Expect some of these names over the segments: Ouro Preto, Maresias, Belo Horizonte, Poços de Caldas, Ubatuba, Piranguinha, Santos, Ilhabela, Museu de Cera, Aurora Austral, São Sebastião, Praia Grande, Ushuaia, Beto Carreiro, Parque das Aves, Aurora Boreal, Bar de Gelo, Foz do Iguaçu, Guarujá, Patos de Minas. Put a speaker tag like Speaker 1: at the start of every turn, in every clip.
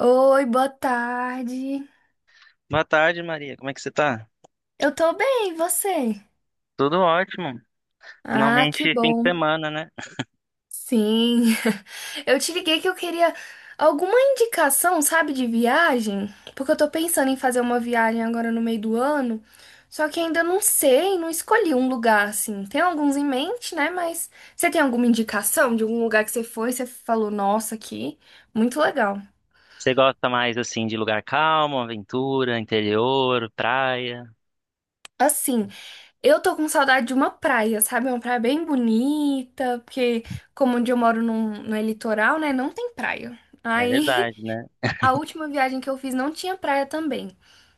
Speaker 1: Oi, boa tarde.
Speaker 2: Boa tarde, Maria. Como é que você tá?
Speaker 1: Eu tô bem, e você?
Speaker 2: Tudo ótimo.
Speaker 1: Ah, que
Speaker 2: Finalmente, fim de
Speaker 1: bom.
Speaker 2: semana, né?
Speaker 1: Sim. Eu te liguei que eu queria alguma indicação, sabe, de viagem? Porque eu tô pensando em fazer uma viagem agora no meio do ano, só que ainda não sei, não escolhi um lugar assim. Tem alguns em mente, né? Mas você tem alguma indicação de algum lugar que você foi, você falou, nossa, aqui, muito legal.
Speaker 2: Você gosta mais, assim, de lugar calmo, aventura, interior, praia?
Speaker 1: Assim, eu tô com saudade de uma praia, sabe? É uma praia bem bonita, porque como onde eu moro não é litoral, né? Não tem praia.
Speaker 2: É
Speaker 1: Aí
Speaker 2: verdade, né?
Speaker 1: a última viagem que eu fiz não tinha praia também.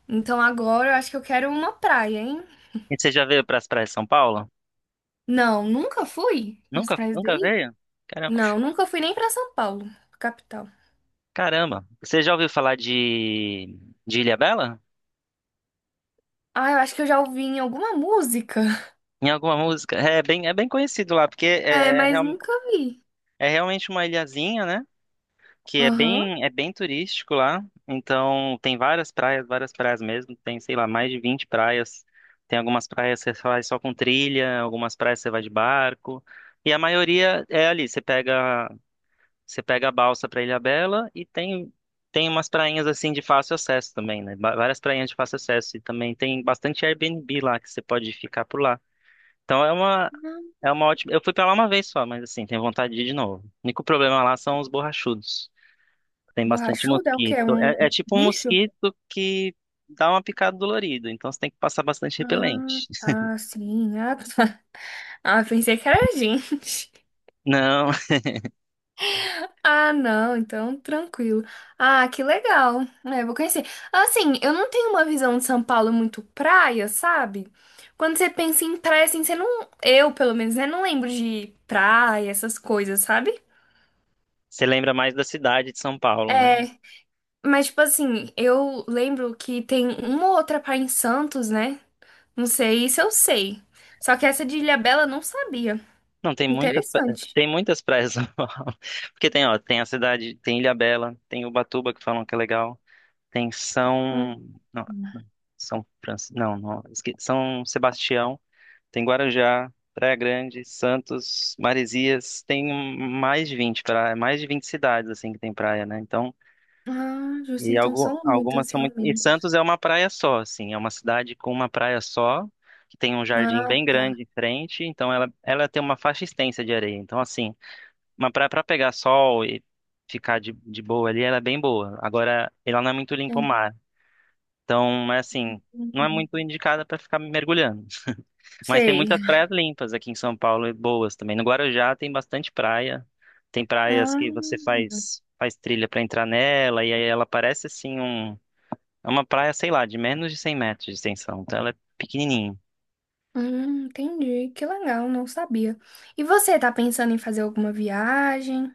Speaker 1: Então agora eu acho que eu quero uma praia, hein?
Speaker 2: E você já veio para as praias de São Paulo?
Speaker 1: Não, nunca fui para as
Speaker 2: Nunca,
Speaker 1: praias
Speaker 2: nunca
Speaker 1: daí?
Speaker 2: veio? Caramba.
Speaker 1: Não, nunca fui nem pra São Paulo, capital.
Speaker 2: Caramba. Você já ouviu falar de Ilhabela?
Speaker 1: Ah, eu acho que eu já ouvi em alguma música.
Speaker 2: Em alguma música? É bem conhecido lá, porque
Speaker 1: É, mas nunca vi.
Speaker 2: é realmente uma ilhazinha, né, que é
Speaker 1: Aham.
Speaker 2: bem, é bem turístico lá. Então tem várias praias mesmo. Tem, sei lá, mais de 20 praias. Tem algumas praias que você vai só com trilha, algumas praias você vai de barco. E a maioria é ali, você pega a balsa para Ilhabela e tem umas prainhas assim de fácil acesso também, né? Várias prainhas de fácil acesso e também tem bastante Airbnb lá que você pode ficar por lá. Então é uma
Speaker 1: Não.
Speaker 2: é uma ótima. Eu fui pra lá uma vez só, mas assim, tenho vontade de ir de novo. O único problema lá são os borrachudos. Tem bastante
Speaker 1: Borrachuda é o quê? É
Speaker 2: mosquito.
Speaker 1: um
Speaker 2: É tipo um
Speaker 1: bicho?
Speaker 2: mosquito que dá uma picada dolorida, então você tem que passar bastante
Speaker 1: Ah,
Speaker 2: repelente.
Speaker 1: tá, sim. Ah, tá. Ah, pensei que era a gente.
Speaker 2: Não,
Speaker 1: Ah, não, então tranquilo. Ah, que legal. É, vou conhecer. Assim, eu não tenho uma visão de São Paulo muito praia, sabe? Quando você pensa em praia, assim, você não. Eu, pelo menos, né, não lembro de praia, essas coisas, sabe?
Speaker 2: você lembra mais da cidade de São Paulo, né?
Speaker 1: É, mas, tipo assim, eu lembro que tem uma ou outra praia em Santos, né? Não sei, isso eu sei. Só que essa de Ilhabela eu não sabia.
Speaker 2: Não,
Speaker 1: Interessante.
Speaker 2: tem muitas praias de São Paulo. Porque tem, ó, tem a cidade, tem Ilhabela, tem Ubatuba que falam que é legal, tem
Speaker 1: Hum.
Speaker 2: São, não, São Francisco, não, não, São Sebastião, tem Guarujá, Praia Grande, Santos, Maresias, tem mais de 20 praias, mais de 20 cidades assim que tem praia, né? Então.
Speaker 1: Ah, justo,
Speaker 2: E
Speaker 1: então são muitas,
Speaker 2: algumas são muito. E
Speaker 1: realmente.
Speaker 2: Santos é uma praia só, assim, é uma cidade com uma praia só, que tem um jardim
Speaker 1: Ah,
Speaker 2: bem
Speaker 1: tá.
Speaker 2: grande em frente, então ela tem uma faixa extensa de areia. Então, assim, uma praia para pegar sol e ficar de boa ali, ela é bem boa. Agora, ela não é muito limpa o mar. Então, é assim, não é
Speaker 1: Uhum.
Speaker 2: muito indicada para ficar mergulhando. Mas tem
Speaker 1: Sei.
Speaker 2: muitas praias limpas aqui em São Paulo e boas também. No Guarujá tem bastante praia. Tem praias
Speaker 1: Ah,
Speaker 2: que você faz trilha para entrar nela, e aí ela parece assim é uma praia, sei lá, de menos de 100 metros de extensão, então ela é pequenininha.
Speaker 1: entendi. Que legal, não sabia. E você tá pensando em fazer alguma viagem?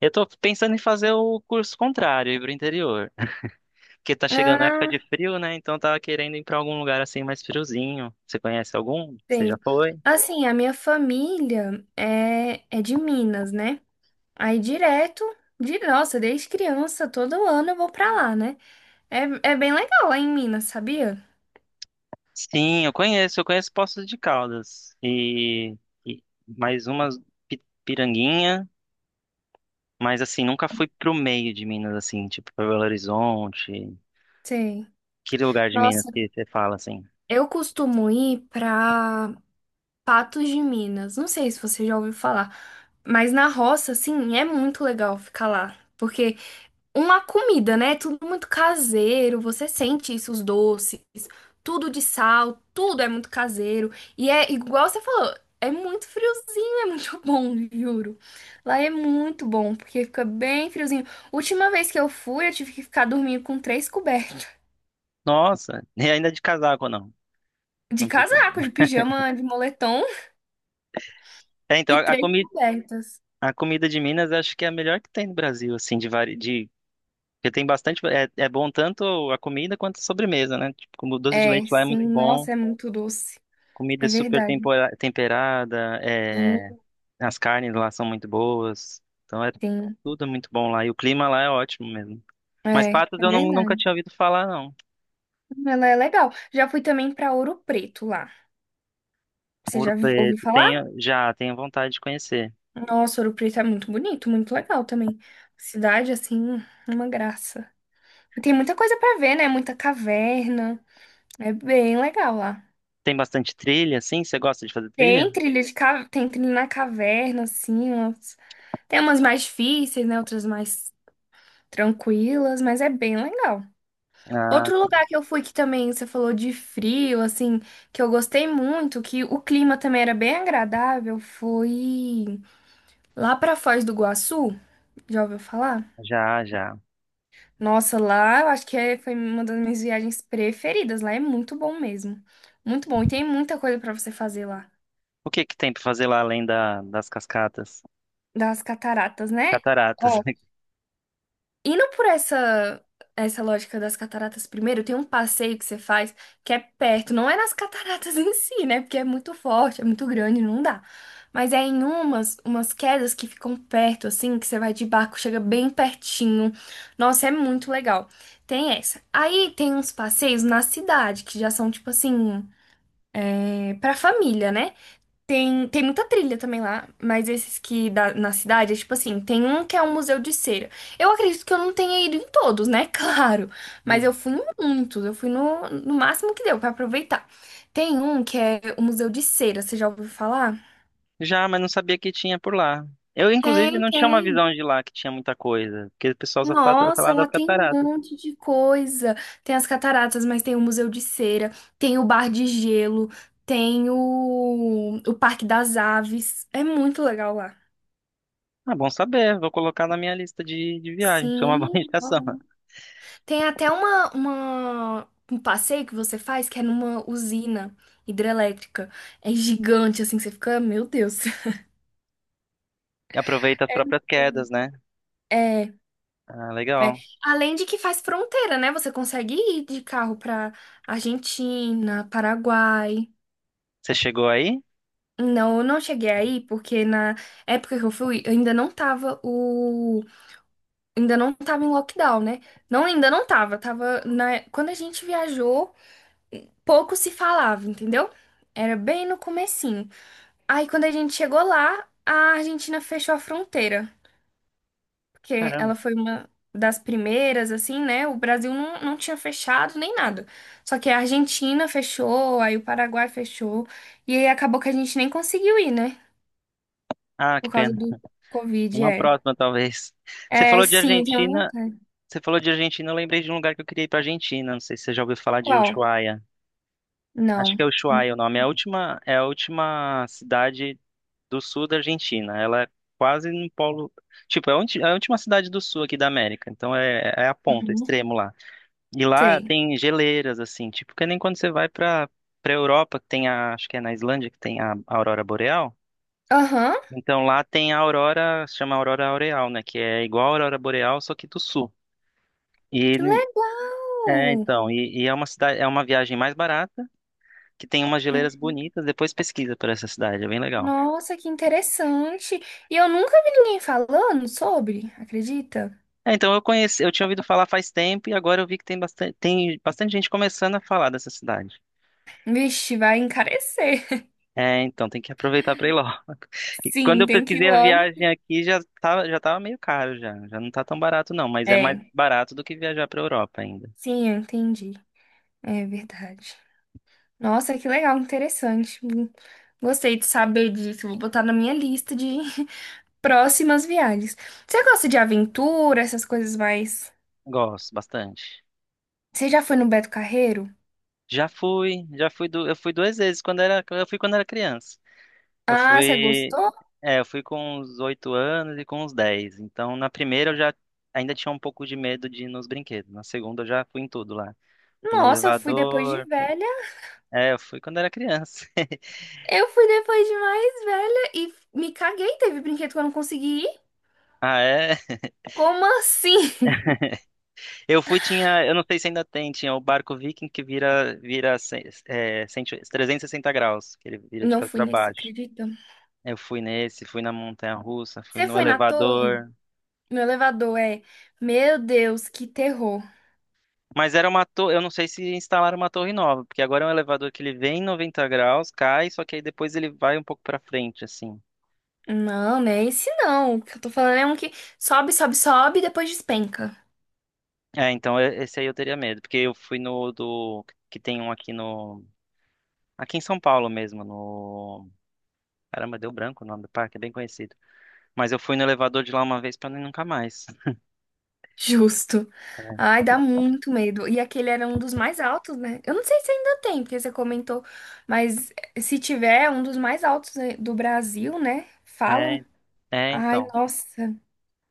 Speaker 2: Eu tô pensando em fazer o curso contrário, ir pro interior, porque tá chegando a época de
Speaker 1: Ah,
Speaker 2: frio, né? Então eu tava querendo ir pra algum lugar assim mais friozinho. Você conhece algum? Você já
Speaker 1: sei.
Speaker 2: foi?
Speaker 1: Assim, a minha família é de Minas, né? Aí direto, de nossa, desde criança, todo ano eu vou pra lá, né? É, é bem legal lá em Minas, sabia?
Speaker 2: Sim, eu conheço Poços de Caldas e mais umas Piranguinha, mas assim, nunca fui pro meio de Minas, assim, tipo pra Belo Horizonte,
Speaker 1: Sei.
Speaker 2: aquele lugar de Minas
Speaker 1: Nossa,
Speaker 2: que você fala assim,
Speaker 1: eu costumo ir pra Patos de Minas. Não sei se você já ouviu falar, mas na roça, assim, é muito legal ficar lá. Porque uma comida, né? É tudo muito caseiro, você sente isso, os doces, tudo de sal, tudo é muito caseiro. E é igual você falou, é muito friozinho, é muito bom, juro. Lá é muito bom, porque fica bem friozinho. Última vez que eu fui, eu tive que ficar dormindo com três cobertas.
Speaker 2: nossa, e ainda de casaco não,
Speaker 1: De
Speaker 2: não precisa.
Speaker 1: casaco, de pijama, de moletom
Speaker 2: É, então
Speaker 1: e três cobertas.
Speaker 2: a comida de Minas acho que é a melhor que tem no Brasil, assim, de vari... de porque tem bastante, é bom tanto a comida quanto a sobremesa, né? Tipo, como o doce de
Speaker 1: É,
Speaker 2: leite lá é
Speaker 1: sim,
Speaker 2: muito bom,
Speaker 1: nossa, é muito doce.
Speaker 2: comida é
Speaker 1: É
Speaker 2: super
Speaker 1: verdade.
Speaker 2: temperada,
Speaker 1: Sim,
Speaker 2: as carnes lá são muito boas, então é
Speaker 1: sim.
Speaker 2: tudo muito bom lá e o clima lá é ótimo mesmo. Mas
Speaker 1: É,
Speaker 2: Patos
Speaker 1: é
Speaker 2: eu nunca
Speaker 1: verdade.
Speaker 2: tinha ouvido falar, não.
Speaker 1: Ela é legal. Já fui também pra Ouro Preto lá. Você
Speaker 2: Ouro
Speaker 1: já ouviu
Speaker 2: Preto,
Speaker 1: falar?
Speaker 2: tenho, já tenho vontade de conhecer.
Speaker 1: Nossa, Ouro Preto é muito bonito, muito legal também. Cidade, assim, uma graça. E tem muita coisa pra ver, né? Muita caverna. É bem legal lá.
Speaker 2: Tem bastante trilha, sim? Você gosta de fazer trilha?
Speaker 1: Tem trilha na caverna, assim, tem umas mais difíceis, né? Outras mais tranquilas, mas é bem legal.
Speaker 2: Ah,
Speaker 1: Outro lugar que eu fui que também você falou de frio, assim, que eu gostei muito, que o clima também era bem agradável, foi lá pra Foz do Iguaçu. Já ouviu falar?
Speaker 2: já, já.
Speaker 1: Nossa, lá eu acho que foi uma das minhas viagens preferidas. Lá é muito bom mesmo. Muito bom. E tem muita coisa pra você fazer lá.
Speaker 2: O que que tem para fazer lá além das cascatas?
Speaker 1: Das cataratas, né?
Speaker 2: Cataratas.
Speaker 1: Indo por essa lógica das cataratas primeiro, tem um passeio que você faz que é perto, não é nas cataratas em si, né? Porque é muito forte, é muito grande, não dá. Mas é em umas quedas que ficam perto assim, que você vai de barco, chega bem pertinho. Nossa, é muito legal. Tem essa. Aí tem uns passeios na cidade que já são tipo assim, é, pra família, né? Tem muita trilha também lá, mas esses que da, na cidade, é tipo assim, tem um que é um museu de cera. Eu acredito que eu não tenha ido em todos, né? Claro. Mas
Speaker 2: Hum.
Speaker 1: eu fui em muitos, eu fui no máximo que deu pra aproveitar. Tem um que é o Museu de Cera, você já ouviu falar?
Speaker 2: Já, mas não sabia que tinha por lá. Eu, inclusive,
Speaker 1: Tem,
Speaker 2: não tinha uma
Speaker 1: tem.
Speaker 2: visão de lá que tinha muita coisa, porque o pessoal só fala,
Speaker 1: Nossa,
Speaker 2: fala das
Speaker 1: lá tem um
Speaker 2: cataratas.
Speaker 1: monte de coisa. Tem as cataratas, mas tem o Museu de Cera, tem o Bar de Gelo, tem o Parque das Aves. É muito legal lá.
Speaker 2: Ah, bom saber, vou colocar na minha lista de viagem. Isso é uma boa
Speaker 1: Sim,
Speaker 2: indicação.
Speaker 1: tem até um passeio que você faz que é numa usina hidrelétrica. É gigante, assim, que você fica, meu Deus.
Speaker 2: Aproveita as próprias quedas, né?
Speaker 1: É, é.
Speaker 2: Ah,
Speaker 1: É.
Speaker 2: legal.
Speaker 1: Além de que faz fronteira, né? Você consegue ir de carro pra Argentina, Paraguai.
Speaker 2: Você chegou aí?
Speaker 1: Não, eu não cheguei aí porque na época que eu fui, ainda não tava o, ainda não tava em lockdown, né? Não, ainda não tava, tava na, quando a gente viajou, pouco se falava, entendeu? Era bem no começo. Aí, quando a gente chegou lá, a Argentina fechou a fronteira, porque
Speaker 2: Caramba.
Speaker 1: ela foi uma das primeiras, assim, né? O Brasil não, não tinha fechado nem nada. Só que a Argentina fechou, aí o Paraguai fechou, e aí acabou que a gente nem conseguiu ir, né?
Speaker 2: Ah, que
Speaker 1: Por causa
Speaker 2: pena.
Speaker 1: do Covid,
Speaker 2: Uma
Speaker 1: é.
Speaker 2: próxima, talvez. Você
Speaker 1: É,
Speaker 2: falou de
Speaker 1: sim, tenho
Speaker 2: Argentina,
Speaker 1: vontade.
Speaker 2: você falou de Argentina, eu lembrei de um lugar que eu queria ir pra Argentina. Não sei se você já ouviu falar de
Speaker 1: Qual?
Speaker 2: Ushuaia. Acho
Speaker 1: Não.
Speaker 2: que é Ushuaia o nome. É a última cidade do sul da Argentina. Ela é quase no polo. Tipo, é a é a última cidade do sul aqui da América. Então é a ponta,
Speaker 1: Uhum.
Speaker 2: extremo lá. E lá
Speaker 1: Sei.
Speaker 2: tem geleiras, assim, tipo, que nem quando você vai pra Europa, que tem a. Acho que é na Islândia que tem a aurora boreal.
Speaker 1: Aham,
Speaker 2: Então lá tem a aurora, se chama aurora aureal, né? Que é igual a aurora boreal, só que do sul. E
Speaker 1: que
Speaker 2: é,
Speaker 1: legal!
Speaker 2: então, e, e é uma cidade, é uma viagem mais barata, que tem umas geleiras bonitas. Depois pesquisa por essa cidade, é bem legal.
Speaker 1: Nossa, que interessante! E eu nunca vi ninguém falando sobre, acredita?
Speaker 2: É, então eu tinha ouvido falar faz tempo e agora eu vi que tem bastante gente começando a falar dessa cidade.
Speaker 1: Vixe, vai encarecer.
Speaker 2: É, então tem que aproveitar para ir logo. E quando
Speaker 1: Sim,
Speaker 2: eu
Speaker 1: tem que ir
Speaker 2: pesquisei a
Speaker 1: logo.
Speaker 2: viagem aqui já tava meio caro já não tá tão barato não, mas é mais
Speaker 1: É.
Speaker 2: barato do que viajar para Europa ainda.
Speaker 1: Sim, eu entendi. É verdade. Nossa, que legal, interessante. Gostei de saber disso. Vou botar na minha lista de próximas viagens. Você gosta de aventura, essas coisas mais.
Speaker 2: Gosto bastante.
Speaker 1: Você já foi no Beto Carreiro?
Speaker 2: Já fui, eu fui duas vezes, eu fui quando era criança. Eu
Speaker 1: Ah, você
Speaker 2: fui,
Speaker 1: gostou?
Speaker 2: eu fui com uns 8 anos e com uns 10. Então, na primeira eu já ainda tinha um pouco de medo de ir nos brinquedos. Na segunda eu já fui em tudo lá. Fui no
Speaker 1: Nossa, eu fui depois de
Speaker 2: elevador.
Speaker 1: velha.
Speaker 2: É, eu fui quando era criança.
Speaker 1: Eu fui depois de mais velha e me caguei. Teve brinquedo que eu não consegui ir.
Speaker 2: Ah, é.
Speaker 1: Como assim?
Speaker 2: Eu não sei se ainda tem, tinha o barco Viking que vira 360 graus, que ele vira de
Speaker 1: Não
Speaker 2: cabeça
Speaker 1: fui
Speaker 2: para
Speaker 1: nesse,
Speaker 2: baixo.
Speaker 1: acredita?
Speaker 2: Eu fui nesse, fui na montanha-russa, fui
Speaker 1: Você
Speaker 2: no
Speaker 1: foi na torre?
Speaker 2: elevador.
Speaker 1: No elevador é, meu Deus, que terror.
Speaker 2: Mas era uma torre, eu não sei se instalaram uma torre nova, porque agora é um elevador que ele vem em 90 graus, cai, só que aí depois ele vai um pouco pra frente, assim.
Speaker 1: Não, não é esse não. O que eu tô falando é um que sobe, sobe, sobe e depois despenca.
Speaker 2: É, então esse aí eu teria medo, porque eu fui no do que tem um aqui no aqui em São Paulo mesmo, no Caramba, deu branco o nome do parque, é bem conhecido. Mas eu fui no elevador de lá uma vez pra não ir nunca mais.
Speaker 1: Justo. Ai, dá muito medo. E aquele era um dos mais altos, né? Eu não sei se ainda tem, porque você comentou, mas se tiver, é um dos mais altos né, do Brasil, né?
Speaker 2: É,
Speaker 1: Falam.
Speaker 2: é, é,
Speaker 1: Ai,
Speaker 2: então.
Speaker 1: nossa,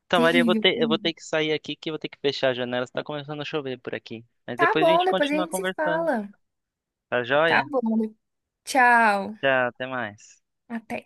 Speaker 2: Então, Maria, eu vou
Speaker 1: terrível.
Speaker 2: ter, eu vou
Speaker 1: Terrível.
Speaker 2: ter que sair aqui que eu vou ter que fechar a janela, está começando a chover por aqui. Mas
Speaker 1: Tá
Speaker 2: depois a
Speaker 1: bom,
Speaker 2: gente
Speaker 1: depois a
Speaker 2: continua
Speaker 1: gente se
Speaker 2: conversando.
Speaker 1: fala.
Speaker 2: Tá
Speaker 1: Tá
Speaker 2: joia?
Speaker 1: bom, tchau.
Speaker 2: Tchau, até mais.
Speaker 1: Até.